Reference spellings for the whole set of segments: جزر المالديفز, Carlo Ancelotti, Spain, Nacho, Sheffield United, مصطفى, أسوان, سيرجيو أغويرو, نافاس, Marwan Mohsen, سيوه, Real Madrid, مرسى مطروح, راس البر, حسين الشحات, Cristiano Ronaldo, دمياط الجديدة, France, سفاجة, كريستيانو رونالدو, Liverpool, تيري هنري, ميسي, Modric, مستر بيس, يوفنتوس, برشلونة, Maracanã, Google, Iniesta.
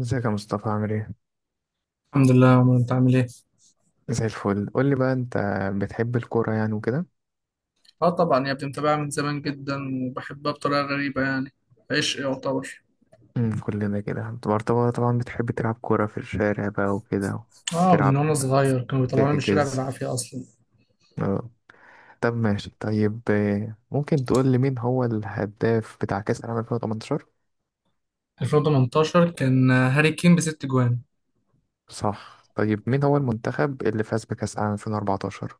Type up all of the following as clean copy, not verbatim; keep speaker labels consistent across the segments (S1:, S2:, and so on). S1: ازيك يا مصطفى، عامل ايه؟
S2: الحمد لله يا عمر، انت عامل ايه؟
S1: زي الفل. قول لي بقى، انت بتحب الكورة يعني وكده؟
S2: اه طبعا يا ابني، متابعها من زمان جدا وبحبها بطريقه غريبه يعني. عشق يعتبر.
S1: كلنا كده. انت برضه طبعا بتحب تلعب كورة في الشارع بقى وكده.
S2: اه من
S1: تلعب،
S2: وانا صغير كانوا بيطلعوني من الشارع
S1: تحجز.
S2: بالعافيه اصلا.
S1: اه. طب ماشي. طيب ممكن تقول لي مين هو الهداف بتاع كأس العالم 2018؟
S2: 2018 كان هاري كين بست جوان.
S1: صح. طيب مين هو المنتخب اللي فاز بكأس العالم 2014؟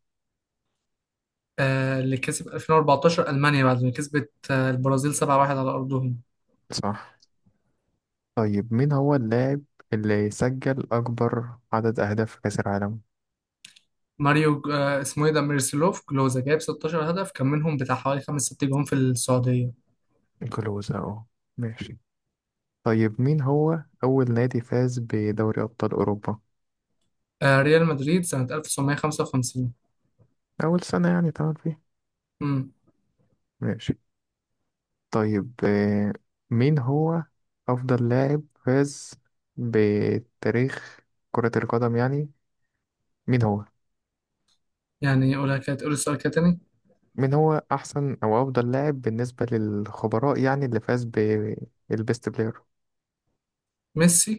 S2: اللي كسب 2014 المانيا بعد ما كسبت البرازيل 7-1 على ارضهم.
S1: صح. طيب مين هو اللاعب اللي سجل أكبر عدد أهداف في كأس العالم؟
S2: ماريو اسمه ايه ده ميرسلوف كلوزا جايب 16 هدف، كان منهم بتاع حوالي 5 6 جوان في السعوديه.
S1: كلوز اهو. ماشي. طيب مين هو أول نادي فاز بدوري أبطال أوروبا؟
S2: آه ريال مدريد سنه 1955.
S1: أول سنة يعني اتعمل فيها.
S2: امم
S1: ماشي. طيب مين هو أفضل لاعب فاز بتاريخ كرة القدم يعني، مين هو؟
S2: يعني قولها كده، تقول السؤال كده تاني.
S1: مين هو أحسن أو أفضل لاعب بالنسبة للخبراء يعني، اللي فاز بالبيست بلاير؟
S2: ميسي.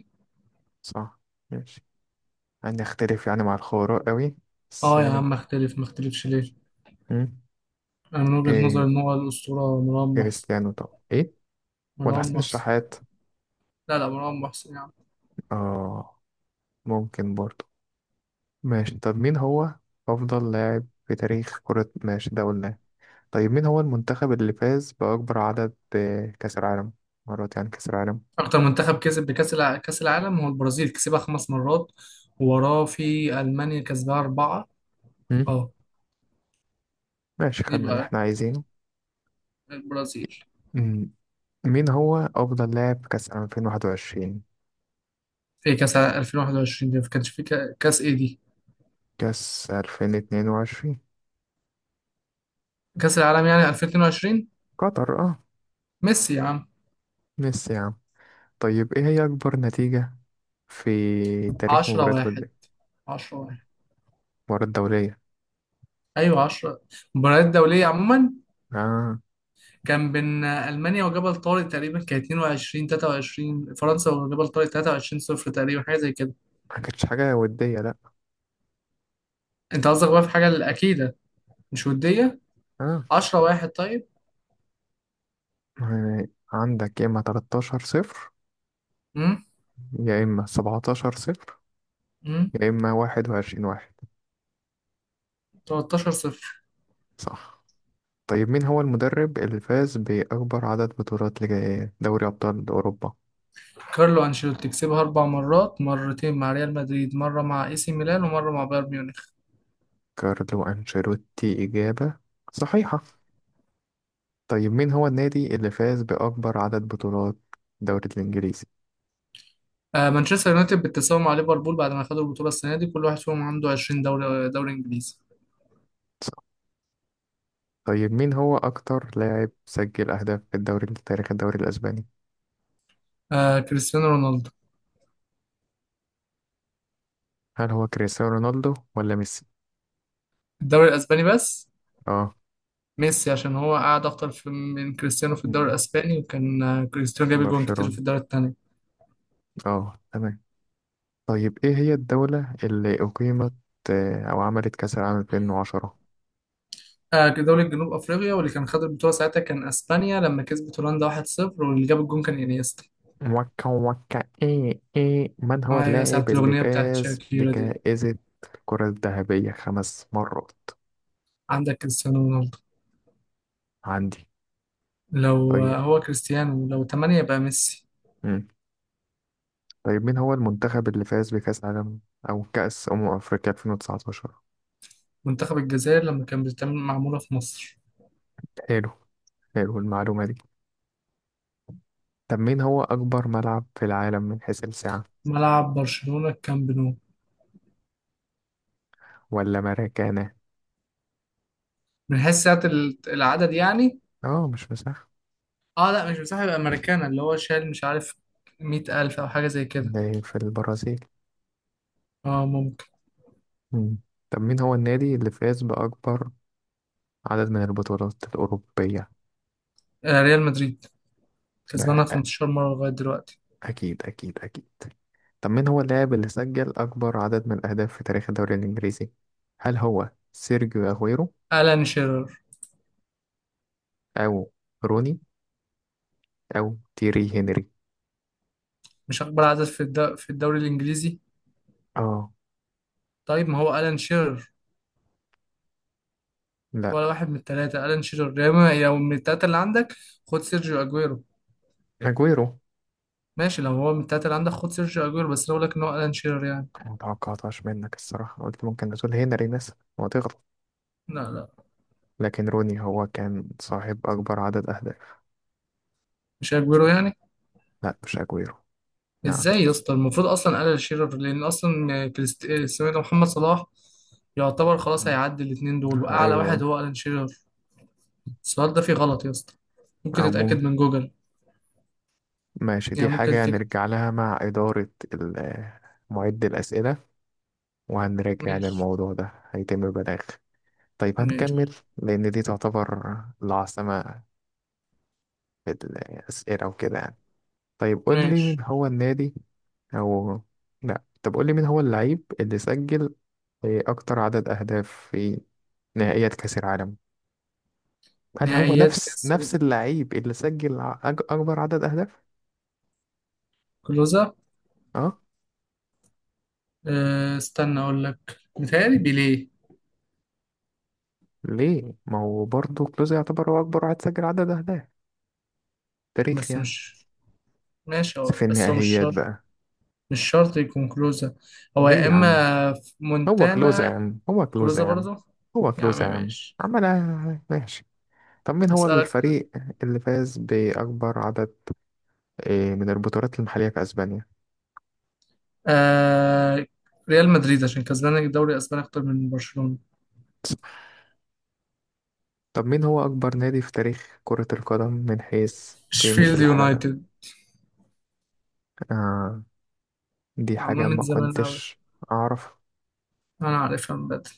S1: صح. ماشي. هنختلف يعني مع الخبراء قوي، بس
S2: اه يا
S1: ماشي.
S2: عم، اختلف ما اختلفش ليه.
S1: مم.
S2: انا من وجهة نظري
S1: إيه
S2: ان هو الاسطوره مروان محسن.
S1: كريستيانو؟ طب إيه، ولا
S2: مروان
S1: حسين
S2: محسن.
S1: الشحات؟
S2: لا لا، مروان محسن يعني.
S1: آه، ممكن برضه. ماشي. طب مين هو أفضل لاعب في تاريخ كرة، ماشي ده قلناه. طيب مين هو المنتخب اللي فاز بأكبر عدد كأس العالم، مرات يعني كأس العالم؟
S2: اكتر منتخب كسب كاس العالم هو البرازيل، كسبها خمس مرات وراه في المانيا كسبها اربعه.
S1: مم.
S2: اه
S1: ماشي، خدنا اللي
S2: يبقى
S1: احنا عايزينه.
S2: البرازيل.
S1: مم. مين هو أفضل لاعب كأس 2021،
S2: في 2021 دي ما كانش في كاس ايه دي؟
S1: كأس 2022؟
S2: كاس العالم يعني 2022.
S1: قطر، اه.
S2: ميسي يا عم.
S1: ميسي يا عم. طيب ايه هي أكبر نتيجة في تاريخ
S2: 10
S1: مباريات
S2: واحد.
S1: ودية؟
S2: 10 واحد.
S1: مباراة دولية.
S2: ايوه 10. مباريات دوليه عموما
S1: اه.
S2: كان بين ألمانيا وجبل طارق تقريبا، كان 22 23. فرنسا وجبل طارق 23 صفر تقريبا، حاجة زي كده.
S1: ما كانتش حاجة ودية، لأ.
S2: أنت قصدك بقى في حاجة الأكيدة، مش ودية.
S1: اه.
S2: 10 واحد طيب.
S1: يعني عندك، يا إما 13 صفر،
S2: امم
S1: يا إما 17 صفر،
S2: امم
S1: يا إما 21 واحد.
S2: 13 صفر.
S1: صح. طيب مين هو المدرب اللي فاز بأكبر عدد بطولات لدوري أبطال أوروبا؟
S2: كارلو أنشيلوتي كسبها أربع مرات، مرتين مع ريال مدريد، مرة مع اي سي ميلان ومرة مع بايرن ميونخ.
S1: كارلو أنشيلوتي، إجابة صحيحة. طيب مين هو النادي اللي فاز بأكبر عدد بطولات الدوري الإنجليزي؟
S2: آه مانشستر يونايتد بالتساوي مع ليفربول بعد ما خدوا البطولة السنة دي، كل واحد فيهم عنده 20 دوري دوري إنجليزي.
S1: صح. طيب مين هو أكتر لاعب سجل أهداف في الدوري في تاريخ الدوري الأسباني؟
S2: آه كريستيانو رونالدو.
S1: هل هو كريستيانو رونالدو ولا ميسي؟
S2: الدوري الأسباني بس.
S1: اه.
S2: ميسي عشان هو قعد أكتر في من كريستيانو في
S1: مم.
S2: الدوري الأسباني، وكان كريستيانو جاب جوان كتير
S1: برشلونة،
S2: في الدوري التاني.
S1: اه تمام. طيب إيه هي الدولة اللي أقيمت أو عملت كأس العالم 2010؟
S2: آه دوري جنوب أفريقيا، واللي كان خد البطولة ساعتها كان أسبانيا لما كسبت هولندا 1-0، واللي جاب الجون كان إنيستا.
S1: موكا موكا، إيه إيه، من هو
S2: أيوة ساعة
S1: اللاعب اللي
S2: الأغنية بتاعت
S1: فاز
S2: شاكيرا دي.
S1: بجائزة الكرة الذهبية 5 مرات؟
S2: عندك كريستيانو رونالدو.
S1: عندي.
S2: لو
S1: طيب.
S2: هو كريستيانو، لو 8 يبقى ميسي.
S1: مم. طيب مين هو المنتخب اللي فاز بكأس عالم أو كأس أمم أفريقيا 2019؟
S2: منتخب الجزائر لما كان بتتعمل معمولة في مصر.
S1: حلو. حلو المعلومة دي. طب مين هو أكبر ملعب في العالم من حيث السعة؟
S2: ملعب برشلونة الكامب نو.
S1: ولا مراكانا؟
S2: من حيث ساعة العدد يعني.
S1: آه مش مساحة.
S2: اه لا مش مساحة، يبقى ماريكانا اللي هو شال مش عارف 100,000 أو حاجة زي كده.
S1: ده في البرازيل.
S2: اه ممكن.
S1: مم. طب مين هو النادي اللي فاز بأكبر عدد من البطولات الأوروبية؟
S2: آه ريال مدريد
S1: ده
S2: كسبانها
S1: أ-
S2: 15 مرة لغاية دلوقتي.
S1: أكيد أكيد أكيد. طب مين هو اللاعب اللي سجل أكبر عدد من الأهداف في تاريخ الدوري الإنجليزي؟ هل هو سيرجيو أغويرو
S2: ألان شيرر.
S1: أو روني أو تيري هنري؟
S2: مش أكبر عدد في في الدوري الإنجليزي.
S1: آه،
S2: طيب ما هو ألان شيرر
S1: لا
S2: ولا واحد من التلاتة. ألان شيرر، يا إما لو من التلاتة اللي عندك خد سيرجيو أجويرو.
S1: أجويرو.
S2: ماشي، لو هو من التلاتة اللي عندك خد سيرجيو أجويرو، بس لو لك إن هو ألان شيرر يعني.
S1: ما توقعتهاش منك الصراحة، قلت ممكن تقول هنري مثلا وتغلط،
S2: لا لا،
S1: لكن روني هو كان صاحب أكبر عدد أهداف.
S2: مش أجويرو يعني.
S1: لا مش أجويرو يعني.
S2: إزاي يا اسطى؟ المفروض أصلا ألان شيرر، لأن أصلا كريست... آه، اسمه إيه ده محمد صلاح يعتبر خلاص
S1: مم.
S2: هيعدي الاتنين دول، وأعلى واحد
S1: أيوه.
S2: هو ألان شيرر. السؤال ده فيه غلط يا اسطى، ممكن
S1: أو
S2: تتأكد من
S1: ممكن.
S2: جوجل.
S1: ماشي، دي
S2: يعني ممكن
S1: حاجة
S2: تكتب.
S1: هنرجع لها مع إدارة معد الأسئلة، وهنراجع يعني
S2: ماشي.
S1: الموضوع ده، هيتم بلاغ. طيب
S2: ماشي.
S1: هنكمل لأن دي تعتبر العاصمة في الأسئلة وكده يعني. طيب قول لي،
S2: ماشي.
S1: مين هو النادي؟ أو لأ، طب قول لي مين هو اللعيب اللي سجل أكتر عدد أهداف في نهائيات كأس العالم؟ هل هو
S2: نهائيات
S1: نفس
S2: كأس.
S1: نفس اللعيب اللي سجل أكبر عدد أهداف؟
S2: كلوزة.
S1: أه.
S2: أه استنى أقول لك. متهيألي بيليه.
S1: ليه؟ ما هو برضه كلوز يعتبر هو أكبر واحد سجل عدد أهداف تاريخ
S2: بس
S1: يعني،
S2: مش. ماشي
S1: في
S2: هو مش
S1: النهائيات
S2: شرط.
S1: بقى.
S2: مش شرط يكون كلوزة، هو
S1: ليه
S2: يا
S1: يا عم؟
S2: إما في
S1: هو كلوزة يا
S2: مونتانا.
S1: عم، هو كلوزة
S2: كلوزة
S1: يا عم،
S2: برضو.
S1: هو
S2: يا عم
S1: كلوزة يا عم،
S2: ماشي.
S1: عملها. ماشي. طب مين هو
S2: أسألك.
S1: الفريق اللي فاز بأكبر عدد من البطولات المحلية في أسبانيا؟
S2: أه ريال مدريد عشان كسبان الدوري الأسباني أكتر من برشلونة.
S1: طب مين هو أكبر نادي في تاريخ كرة القدم من حيث قيمة
S2: شفيلد
S1: العلبة؟
S2: يونايتد.
S1: آه، دي
S2: معمول
S1: حاجة
S2: من
S1: ما
S2: زمان أوي.
S1: كنتش أعرف.
S2: أنا عارفها من بدري.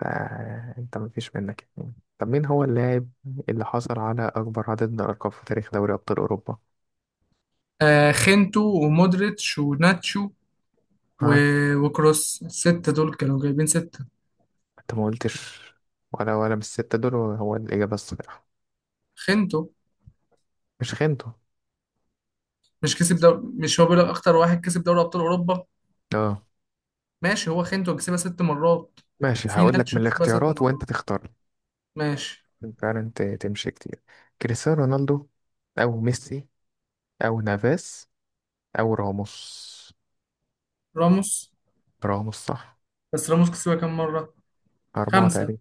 S1: فأنت مفيش منك يعني. طب مين هو اللاعب اللي حصل على أكبر عدد من الألقاب في تاريخ دوري أبطال أوروبا؟
S2: آه خينتو ومودريتش وناتشو و...
S1: ها.
S2: وكروس، الستة دول كانوا جايبين ستة.
S1: انت ما قلتش، ولا من الستة دول هو الإجابة الصحيحة.
S2: خنتو.
S1: مش خنته.
S2: مش كسب دوري؟ مش هو بيقول لك أكتر واحد كسب دوري أبطال أوروبا.
S1: اه
S2: ماشي، هو خنتو كسبها ست مرات
S1: ماشي،
S2: وفي
S1: هقول لك من
S2: ناتشو كسبها ست
S1: الاختيارات وانت
S2: مرات.
S1: تختار لي.
S2: ماشي.
S1: عشان فعلا تمشي كتير. كريستيانو رونالدو، او ميسي، او نافاس، او راموس.
S2: راموس.
S1: راموس صح.
S2: بس راموس كسبها كام مرة؟
S1: أربعة
S2: خمسة.
S1: تقريبا.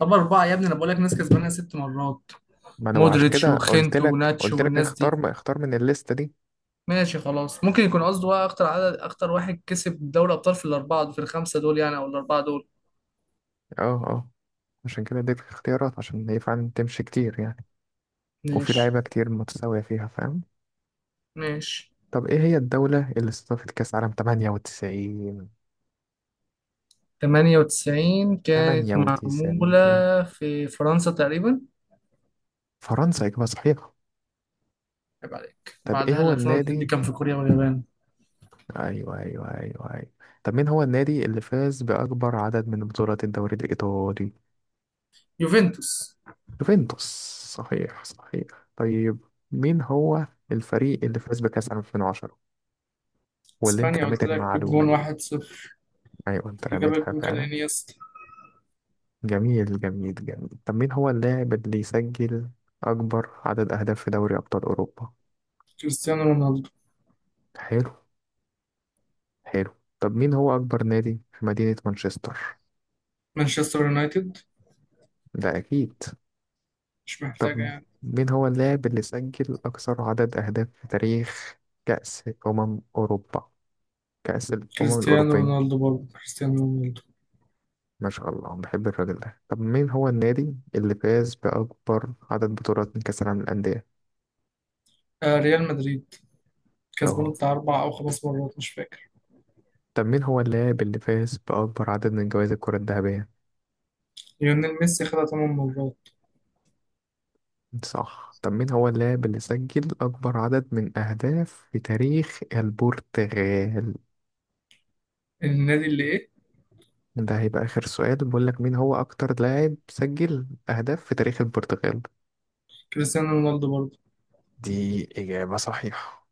S2: طب أربعة يا ابني؟ أنا بقول لك ناس كسبانها ست مرات.
S1: ما انا عشان
S2: مودريتش
S1: كده قلت
S2: وخنتو
S1: لك
S2: وناتشو
S1: قلت لك
S2: والناس دي.
S1: اختار اختار من الليستة دي.
S2: ماشي خلاص، ممكن يكون قصده بقى أكتر عدد، أكتر واحد كسب دوري أبطال في الأربعة في الخمسة دول يعني أو الأربعة دول.
S1: اه اه. عشان كده اديتك اختيارات عشان هي فعلا تمشي كتير يعني. وفي
S2: ماشي.
S1: لعيبة كتير متساوية فيها فاهم.
S2: ماشي.
S1: طب ايه هي الدولة اللي استضافت كأس عالم 98؟
S2: 98 كانت
S1: تمانية
S2: معمولة
S1: وتسعين.
S2: في فرنسا تقريبا.
S1: فرنسا إجابة صحيحة.
S2: عيب عليك،
S1: طب إيه
S2: بعدها ال
S1: هو
S2: 2002 دي
S1: النادي؟
S2: كان في كوريا واليابان.
S1: أيوه أيوه أيوه أيوه. طب مين هو النادي اللي فاز بأكبر عدد من بطولات الدوري الإيطالي؟
S2: يوفنتوس.
S1: يوفنتوس. صحيح صحيح. طيب مين هو الفريق اللي فاز بكأس 2010 واللي أنت
S2: اسبانيا
S1: رميت
S2: قلت لك
S1: المعلومة
S2: بالجون
S1: دي؟
S2: 1-0،
S1: أيوه أنت
S2: اللي جاب
S1: رميتها
S2: الجون كان
S1: فعلا.
S2: انيستا.
S1: جميل جميل جميل. طب مين هو اللاعب اللي يسجل أكبر عدد أهداف في دوري أبطال أوروبا؟
S2: كريستيانو رونالدو.
S1: حلو حلو. طب مين هو أكبر نادي في مدينة مانشستر؟
S2: مانشستر يونايتد
S1: ده أكيد.
S2: مش محتاجة
S1: طب
S2: يعني.
S1: مين هو اللاعب اللي سجل أكثر عدد أهداف في تاريخ كأس أمم أوروبا، كأس الأمم
S2: كريستيانو
S1: الأوروبية؟
S2: رونالدو، برضه كريستيانو رونالدو.
S1: ما شاء الله، بحب الراجل ده. طب مين هو النادي اللي فاز بأكبر عدد بطولات من كأس العالم للأندية؟
S2: آه ريال مدريد، كسبان
S1: أهو.
S2: بتاع أربع أو خمس مرات مش فاكر.
S1: طب مين هو اللاعب اللي فاز بأكبر عدد من جوائز الكرة الذهبية؟
S2: ليونيل ميسي خدها تمن مرات.
S1: صح. طب مين هو اللاعب اللي سجل أكبر عدد من أهداف في تاريخ البرتغال؟
S2: النادي اللي إيه؟
S1: ده هيبقى آخر سؤال، بقول لك مين هو أكتر لاعب سجل أهداف في تاريخ البرتغال؟
S2: كريستيانو رونالدو برضه.
S1: دي إجابة صحيحة.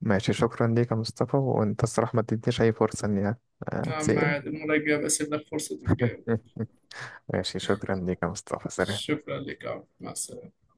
S1: ماشي، شكرا ليك يا مصطفى. وأنت الصراحة ما اديتنيش أي فرصة إني
S2: نعم
S1: أتسأل.
S2: عادي، المرة الجاية بقى سيب لك فرصة.
S1: ماشي، شكرا ليك يا مصطفى. سلام.
S2: شكرا لك عبد. مع السلامة.